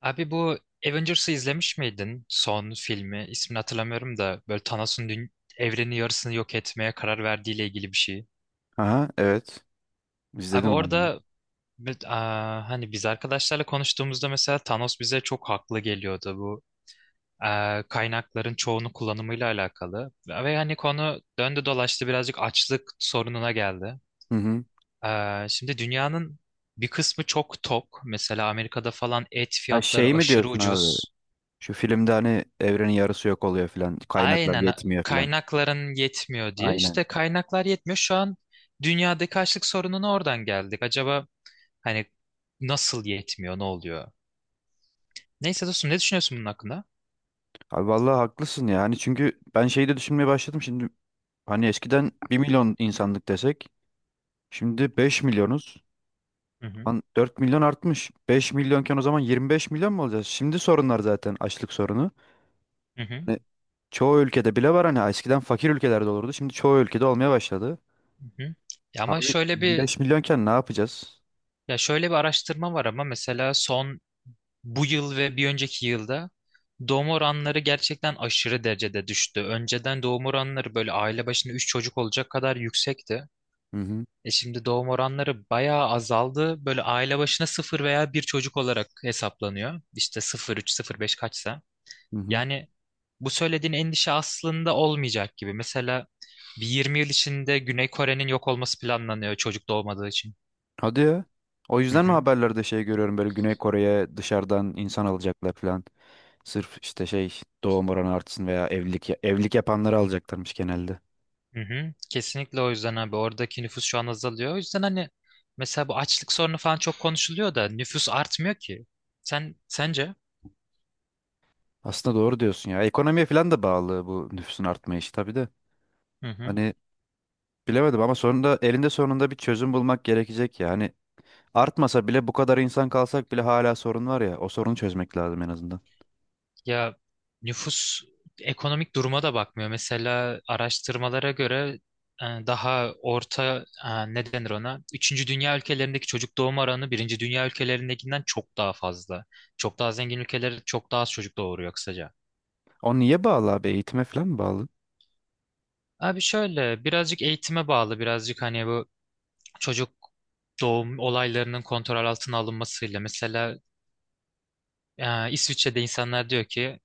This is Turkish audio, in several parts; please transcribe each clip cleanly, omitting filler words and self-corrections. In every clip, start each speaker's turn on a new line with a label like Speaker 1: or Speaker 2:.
Speaker 1: Abi bu Avengers'ı izlemiş miydin? Son filmi. İsmini hatırlamıyorum da böyle Thanos'un evrenin yarısını yok etmeye karar verdiğiyle ilgili bir şey.
Speaker 2: Aha, evet.
Speaker 1: Abi
Speaker 2: İzledim abi.
Speaker 1: orada hani biz arkadaşlarla konuştuğumuzda mesela Thanos bize çok haklı geliyordu bu kaynakların çoğunu kullanımıyla alakalı. Ve hani konu döndü dolaştı birazcık açlık sorununa geldi.
Speaker 2: Hı hı.
Speaker 1: Şimdi dünyanın bir kısmı çok tok. Mesela Amerika'da falan et
Speaker 2: Ha
Speaker 1: fiyatları
Speaker 2: şey mi
Speaker 1: aşırı
Speaker 2: diyorsun abi?
Speaker 1: ucuz.
Speaker 2: Şu filmde hani evrenin yarısı yok oluyor filan. Kaynaklar
Speaker 1: Aynen,
Speaker 2: yetmiyor filan.
Speaker 1: kaynakların yetmiyor diye.
Speaker 2: Aynen.
Speaker 1: İşte kaynaklar yetmiyor. Şu an dünyadaki açlık sorununa oradan geldik. Acaba hani nasıl yetmiyor, ne oluyor? Neyse dostum ne düşünüyorsun bunun hakkında?
Speaker 2: Abi vallahi haklısın ya. Hani çünkü ben şeyi de düşünmeye başladım şimdi. Hani eskiden 1 milyon insanlık desek. Şimdi 5 milyonuz.
Speaker 1: Hı hı,
Speaker 2: Lan 4 milyon artmış. Beş milyonken o zaman 25 milyon mu olacağız? Şimdi sorunlar zaten açlık sorunu.
Speaker 1: hı hı,
Speaker 2: Hani çoğu ülkede bile var, hani eskiden fakir ülkelerde olurdu. Şimdi çoğu ülkede olmaya başladı.
Speaker 1: hı hı. Ya ama
Speaker 2: Abi
Speaker 1: şöyle
Speaker 2: yirmi
Speaker 1: bir
Speaker 2: beş milyonken ne yapacağız?
Speaker 1: ya şöyle bir araştırma var ama mesela son bu yıl ve bir önceki yılda doğum oranları gerçekten aşırı derecede düştü. Önceden doğum oranları böyle aile başına 3 çocuk olacak kadar yüksekti.
Speaker 2: Hı hı.
Speaker 1: Şimdi doğum oranları bayağı azaldı. Böyle aile başına sıfır veya bir çocuk olarak hesaplanıyor. İşte sıfır üç, sıfır beş kaçsa.
Speaker 2: Hı hı.
Speaker 1: Yani bu söylediğin endişe aslında olmayacak gibi. Mesela bir 20 yıl içinde Güney Kore'nin yok olması planlanıyor çocuk doğmadığı için.
Speaker 2: Hadi ya. O
Speaker 1: Hı
Speaker 2: yüzden mi
Speaker 1: hı,
Speaker 2: haberlerde şey görüyorum, böyle Güney Kore'ye dışarıdan insan alacaklar falan? Sırf işte şey doğum oranı artsın veya evlilik yapanları alacaklarmış genelde.
Speaker 1: hı hı. Kesinlikle o yüzden abi oradaki nüfus şu an azalıyor. O yüzden hani mesela bu açlık sorunu falan çok konuşuluyor da nüfus artmıyor ki. Sen sence?
Speaker 2: Aslında doğru diyorsun ya. Ekonomiye falan da bağlı bu nüfusun artma işi tabii de.
Speaker 1: Hı hı.
Speaker 2: Hani bilemedim ama sonunda elinde sonunda bir çözüm bulmak gerekecek ya. Hani artmasa bile, bu kadar insan kalsak bile hala sorun var ya. O sorunu çözmek lazım en azından.
Speaker 1: Ya nüfus ekonomik duruma da bakmıyor. Mesela araştırmalara göre daha orta ne denir ona? Üçüncü dünya ülkelerindeki çocuk doğum oranı birinci dünya ülkelerindekinden çok daha fazla. Çok daha zengin ülkeler çok daha az çocuk doğuruyor kısaca.
Speaker 2: O niye bağlı abi? Eğitime falan mı bağlı?
Speaker 1: Abi şöyle birazcık eğitime bağlı birazcık hani bu çocuk doğum olaylarının kontrol altına alınmasıyla mesela İsviçre'de insanlar diyor ki,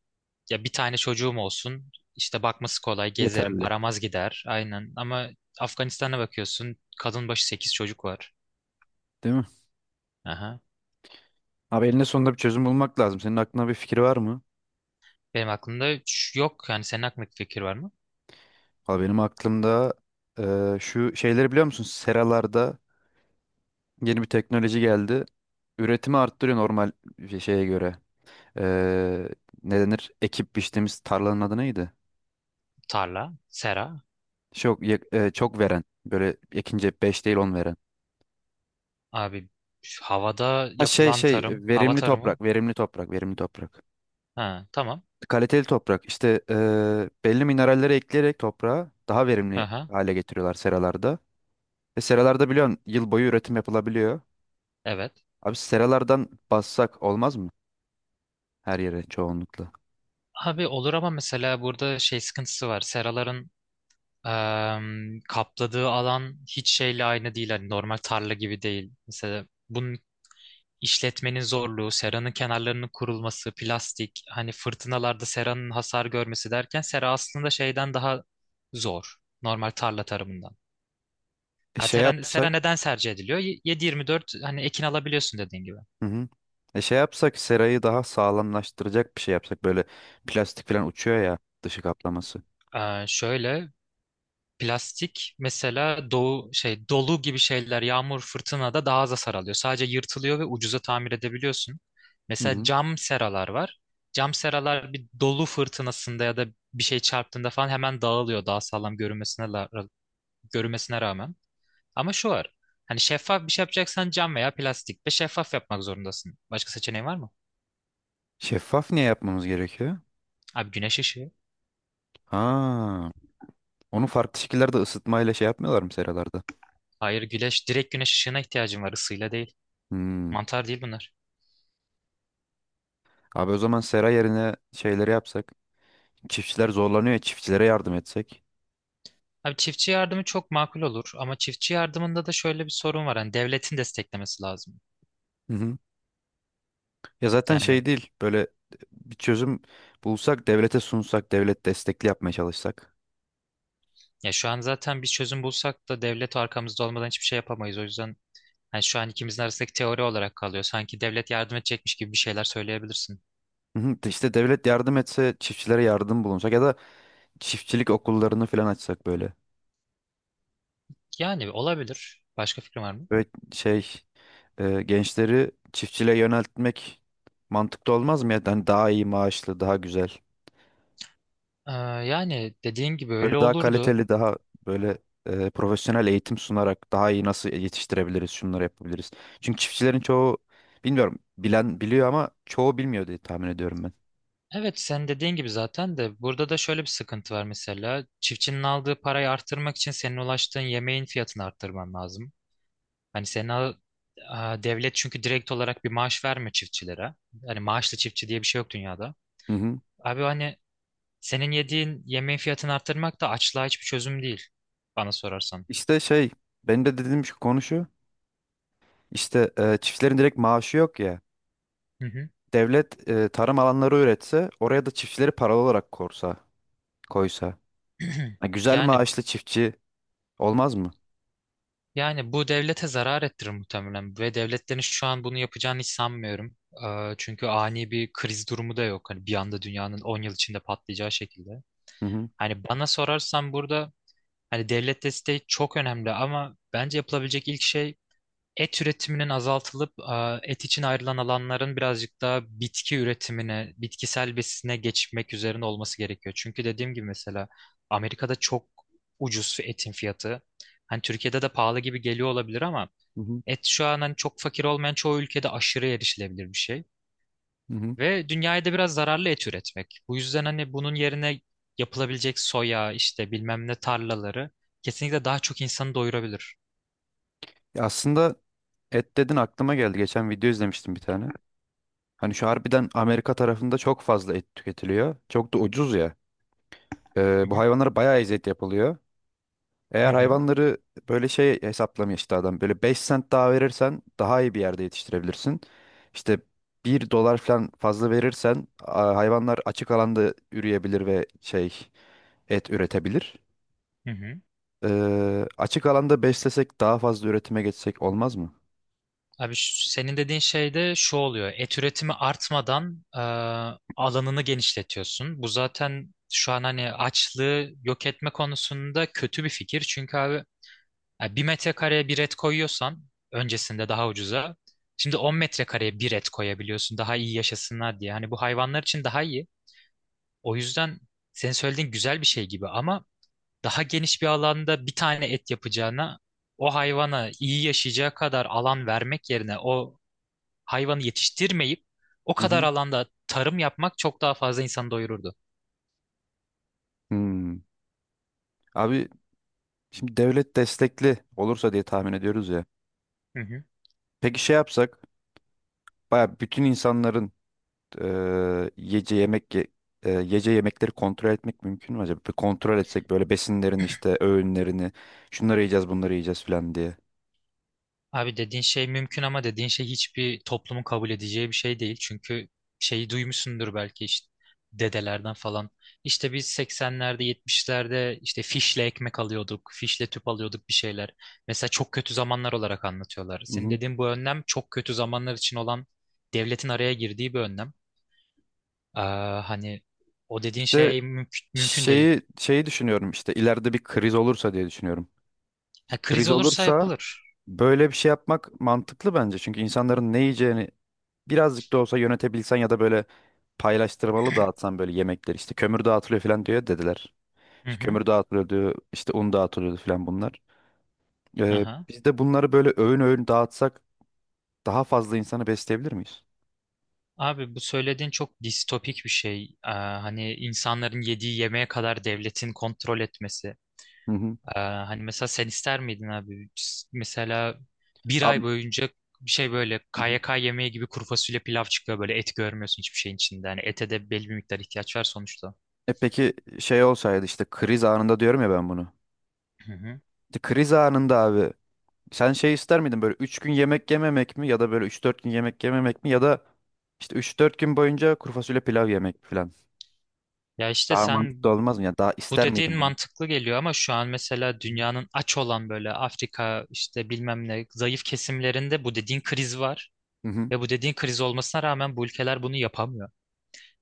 Speaker 1: ya bir tane çocuğum olsun. İşte bakması kolay, gezerim,
Speaker 2: Yeterli.
Speaker 1: param az gider. Aynen. Ama Afganistan'a bakıyorsun, kadın başı 8 çocuk var.
Speaker 2: Değil mi?
Speaker 1: Aha.
Speaker 2: Abi elinde sonunda bir çözüm bulmak lazım. Senin aklına bir fikir var mı?
Speaker 1: Benim aklımda üç yok. Yani senin aklındaki fikir var mı?
Speaker 2: Valla benim aklımda şu şeyleri biliyor musun? Seralarda yeni bir teknoloji geldi. Üretimi arttırıyor normal bir şeye göre. Eee Ne denir? Ekip biçtiğimiz tarlanın adı neydi?
Speaker 1: Tarla, sera.
Speaker 2: Çok veren. Böyle ekince 5 değil 10 veren.
Speaker 1: Abi şu havada
Speaker 2: Ha, şey
Speaker 1: yapılan tarım, hava
Speaker 2: verimli
Speaker 1: tarımı.
Speaker 2: toprak, verimli toprak, verimli toprak.
Speaker 1: Ha, tamam.
Speaker 2: Kaliteli toprak. İşte belli mineralleri ekleyerek toprağa daha verimli
Speaker 1: Aha,
Speaker 2: hale getiriyorlar seralarda. Ve seralarda biliyorsun yıl boyu üretim yapılabiliyor.
Speaker 1: evet.
Speaker 2: Abi seralardan bassak olmaz mı? Her yere çoğunlukla.
Speaker 1: Abi olur ama mesela burada şey sıkıntısı var. Seraların kapladığı alan hiç şeyle aynı değil. Hani normal tarla gibi değil. Mesela bunun işletmenin zorluğu, seranın kenarlarının kurulması, plastik, hani fırtınalarda seranın hasar görmesi derken sera aslında şeyden daha zor. Normal tarla tarımından.
Speaker 2: E
Speaker 1: Ha,
Speaker 2: şey
Speaker 1: teren, sera
Speaker 2: yapsak,
Speaker 1: neden tercih ediliyor? 7-24 hani ekin alabiliyorsun dediğin gibi.
Speaker 2: hı hı. E şey yapsak serayı daha sağlamlaştıracak bir şey yapsak, böyle plastik falan uçuyor ya dışı kaplaması.
Speaker 1: Şöyle Plastik mesela doğu şey dolu gibi şeyler yağmur fırtınada daha az hasar alıyor. Sadece yırtılıyor ve ucuza tamir edebiliyorsun.
Speaker 2: Hı
Speaker 1: Mesela
Speaker 2: hı.
Speaker 1: cam seralar var. Cam seralar bir dolu fırtınasında ya da bir şey çarptığında falan hemen dağılıyor, daha sağlam görünmesine rağmen. Ama şu var. Hani şeffaf bir şey yapacaksan cam veya plastik ve şeffaf yapmak zorundasın. Başka seçeneğin var mı?
Speaker 2: Şeffaf niye yapmamız gerekiyor?
Speaker 1: Abi güneş ışığı.
Speaker 2: Ha, onu farklı şekillerde ısıtmayla şey yapmıyorlar mı seralarda?
Speaker 1: Hayır, güneş, direkt güneş ışığına ihtiyacın var, ısıyla değil.
Speaker 2: Hmm.
Speaker 1: Mantar değil bunlar.
Speaker 2: Abi o zaman sera yerine şeyleri yapsak. Çiftçiler zorlanıyor ya, çiftçilere yardım etsek.
Speaker 1: Abi çiftçi yardımı çok makul olur ama çiftçi yardımında da şöyle bir sorun var. Hani devletin desteklemesi lazım.
Speaker 2: Hı hı. Ya zaten
Speaker 1: Yani,
Speaker 2: şey değil, böyle bir çözüm bulsak, devlete sunsak, devlet destekli yapmaya çalışsak.
Speaker 1: ya şu an zaten bir çözüm bulsak da devlet arkamızda olmadan hiçbir şey yapamayız. O yüzden hani şu an ikimizin arasındaki teori olarak kalıyor. Sanki devlet yardım edecekmiş gibi bir şeyler söyleyebilirsin.
Speaker 2: Hı hı. İşte devlet yardım etse, çiftçilere yardım bulunsak ya da çiftçilik okullarını falan açsak böyle.
Speaker 1: Yani olabilir. Başka fikrin var mı?
Speaker 2: Ve şey, gençleri çiftçiliğe yöneltmek mantıklı olmaz mı? Yani hani daha iyi maaşlı, daha güzel.
Speaker 1: Ee, yani dediğin gibi
Speaker 2: Böyle
Speaker 1: öyle
Speaker 2: daha
Speaker 1: olurdu.
Speaker 2: kaliteli, daha böyle profesyonel eğitim sunarak daha iyi nasıl yetiştirebiliriz, şunları yapabiliriz. Çünkü çiftçilerin çoğu, bilmiyorum, bilen biliyor ama çoğu bilmiyor diye tahmin ediyorum ben.
Speaker 1: Evet, sen dediğin gibi zaten de burada da şöyle bir sıkıntı var mesela. Çiftçinin aldığı parayı arttırmak için senin ulaştığın yemeğin fiyatını arttırman lazım. Hani devlet çünkü direkt olarak bir maaş vermiyor çiftçilere. Hani maaşlı çiftçi diye bir şey yok dünyada.
Speaker 2: Hı hı.
Speaker 1: Abi hani senin yediğin yemeğin fiyatını arttırmak da açlığa hiçbir çözüm değil bana sorarsan.
Speaker 2: İşte şey, benim de dediğim şu konu şu. İşte çiftçilerin direkt maaşı yok ya.
Speaker 1: Hı hı.
Speaker 2: Devlet tarım alanları üretse oraya da çiftçileri paralı olarak koysa. Ha, güzel,
Speaker 1: Yani
Speaker 2: maaşlı çiftçi olmaz mı?
Speaker 1: yani bu devlete zarar ettirir muhtemelen ve devletlerin şu an bunu yapacağını hiç sanmıyorum. Çünkü ani bir kriz durumu da yok. Hani bir anda dünyanın 10 yıl içinde patlayacağı şekilde.
Speaker 2: Hı hı,
Speaker 1: Hani bana sorarsan burada hani devlet desteği çok önemli ama bence yapılabilecek ilk şey et üretiminin azaltılıp, et için ayrılan alanların birazcık daha bitki üretimine, bitkisel besine geçmek üzerine olması gerekiyor. Çünkü dediğim gibi mesela Amerika'da çok ucuz etin fiyatı. Hani Türkiye'de de pahalı gibi geliyor olabilir ama
Speaker 2: hı hı,
Speaker 1: et şu an hani çok fakir olmayan çoğu ülkede aşırı erişilebilir bir şey.
Speaker 2: hı hı.
Speaker 1: Ve dünyaya da biraz zararlı et üretmek. Bu yüzden hani bunun yerine yapılabilecek soya işte bilmem ne tarlaları kesinlikle daha çok insanı doyurabilir.
Speaker 2: Ya aslında et dedin aklıma geldi. Geçen video izlemiştim bir tane. Hani şu harbiden Amerika tarafında çok fazla et tüketiliyor. Çok da ucuz ya.
Speaker 1: Hı
Speaker 2: Bu
Speaker 1: hı,
Speaker 2: hayvanlara bayağı eziyet yapılıyor.
Speaker 1: hı
Speaker 2: Eğer
Speaker 1: hı,
Speaker 2: hayvanları böyle şey hesaplamıyor işte adam. Böyle 5 sent daha verirsen daha iyi bir yerde yetiştirebilirsin. İşte 1 dolar falan fazla verirsen hayvanlar açık alanda üreyebilir ve şey et üretebilir.
Speaker 1: hı hı.
Speaker 2: Açık alanda beslesek daha fazla üretime geçsek olmaz mı?
Speaker 1: Abi senin dediğin şey de şu oluyor. Et üretimi artmadan, alanını genişletiyorsun. Bu zaten şu an hani açlığı yok etme konusunda kötü bir fikir. Çünkü abi bir metrekareye bir et koyuyorsan öncesinde daha ucuza. Şimdi 10 metrekareye bir et koyabiliyorsun daha iyi yaşasınlar diye. Hani bu hayvanlar için daha iyi. O yüzden senin söylediğin güzel bir şey gibi ama daha geniş bir alanda bir tane et yapacağına o hayvana iyi yaşayacağı kadar alan vermek yerine o hayvanı yetiştirmeyip o
Speaker 2: Hı
Speaker 1: kadar
Speaker 2: hı.
Speaker 1: alanda tarım yapmak çok daha fazla insanı doyururdu.
Speaker 2: Hmm. Abi şimdi devlet destekli olursa diye tahmin ediyoruz ya.
Speaker 1: Hı hı.
Speaker 2: Peki şey yapsak baya bütün insanların e, yiyece yemek ye- e, yiyece yemekleri kontrol etmek mümkün mü acaba? Bir kontrol etsek böyle besinlerini, işte öğünlerini, şunları yiyeceğiz bunları yiyeceğiz falan diye.
Speaker 1: Abi dediğin şey mümkün ama dediğin şey hiçbir toplumun kabul edeceği bir şey değil. Çünkü şeyi duymuşsundur belki işte dedelerden falan. İşte biz 80'lerde, 70'lerde işte fişle ekmek alıyorduk, fişle tüp alıyorduk bir şeyler. Mesela çok kötü zamanlar olarak anlatıyorlar.
Speaker 2: Hı
Speaker 1: Senin
Speaker 2: hı.
Speaker 1: dediğin bu önlem çok kötü zamanlar için olan, devletin araya girdiği bir önlem. Hani o dediğin
Speaker 2: İşte
Speaker 1: şey mümkün, mümkün değil.
Speaker 2: şeyi düşünüyorum, işte ileride bir kriz olursa diye düşünüyorum.
Speaker 1: Ha, kriz
Speaker 2: Kriz
Speaker 1: olursa
Speaker 2: olursa
Speaker 1: yapılır.
Speaker 2: böyle bir şey yapmak mantıklı bence. Çünkü insanların ne yiyeceğini birazcık da olsa yönetebilsen ya da böyle paylaştırmalı dağıtsan böyle yemekleri, işte kömür dağıtılıyor falan diyor dediler.
Speaker 1: Hı
Speaker 2: İşte
Speaker 1: hı.
Speaker 2: kömür dağıtılıyor diyor, işte un dağıtılıyordu falan bunlar.
Speaker 1: Aha.
Speaker 2: Biz de bunları böyle öğün öğün dağıtsak daha fazla insanı besleyebilir miyiz?
Speaker 1: Abi bu söylediğin çok distopik bir şey. Hani insanların yediği yemeğe kadar devletin kontrol etmesi.
Speaker 2: Hı hı.
Speaker 1: Hani mesela sen ister miydin abi? Mesela bir ay
Speaker 2: Abi,
Speaker 1: boyunca bir şey böyle
Speaker 2: hı hı.
Speaker 1: KYK yemeği gibi kuru fasulye pilav çıkıyor, böyle et görmüyorsun hiçbir şeyin içinde. Hani ete de belli bir miktar ihtiyaç var sonuçta.
Speaker 2: E peki şey olsaydı, işte kriz anında diyorum ya ben bunu.
Speaker 1: Hı hı.
Speaker 2: İşte kriz anında abi, sen şey ister miydin, böyle 3 gün yemek yememek mi ya da böyle 3-4 gün yemek yememek mi ya da işte 3-4 gün boyunca kuru fasulye pilav yemek falan?
Speaker 1: Ya işte
Speaker 2: Daha
Speaker 1: sen
Speaker 2: mantıklı olmaz mı? Yani daha
Speaker 1: bu
Speaker 2: ister
Speaker 1: dediğin
Speaker 2: miydin bunu?
Speaker 1: mantıklı geliyor ama şu an mesela dünyanın aç olan böyle Afrika işte bilmem ne zayıf kesimlerinde bu dediğin kriz var.
Speaker 2: Hı hı.
Speaker 1: Ve bu dediğin kriz olmasına rağmen bu ülkeler bunu yapamıyor.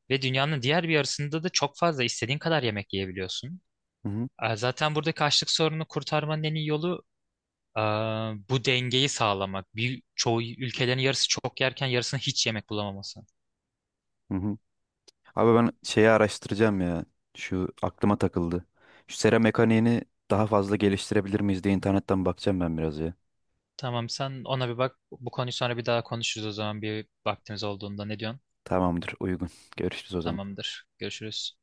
Speaker 1: Ve dünyanın diğer bir yarısında da çok fazla, istediğin kadar yemek yiyebiliyorsun.
Speaker 2: Hı hı.
Speaker 1: Zaten buradaki açlık sorununu kurtarmanın en iyi yolu ee, bu dengeyi sağlamak. Bir, çoğu ülkelerin yarısı çok yerken yarısının hiç yemek bulamaması.
Speaker 2: Hı hı. Abi ben şeyi araştıracağım ya. Şu aklıma takıldı. Şu sera mekaniğini daha fazla geliştirebilir miyiz diye internetten bakacağım ben biraz ya.
Speaker 1: Tamam, sen ona bir bak. Bu konuyu sonra bir daha konuşuruz o zaman, bir vaktimiz olduğunda, ne diyorsun?
Speaker 2: Tamamdır, uygun. Görüşürüz o zaman.
Speaker 1: Tamamdır. Görüşürüz.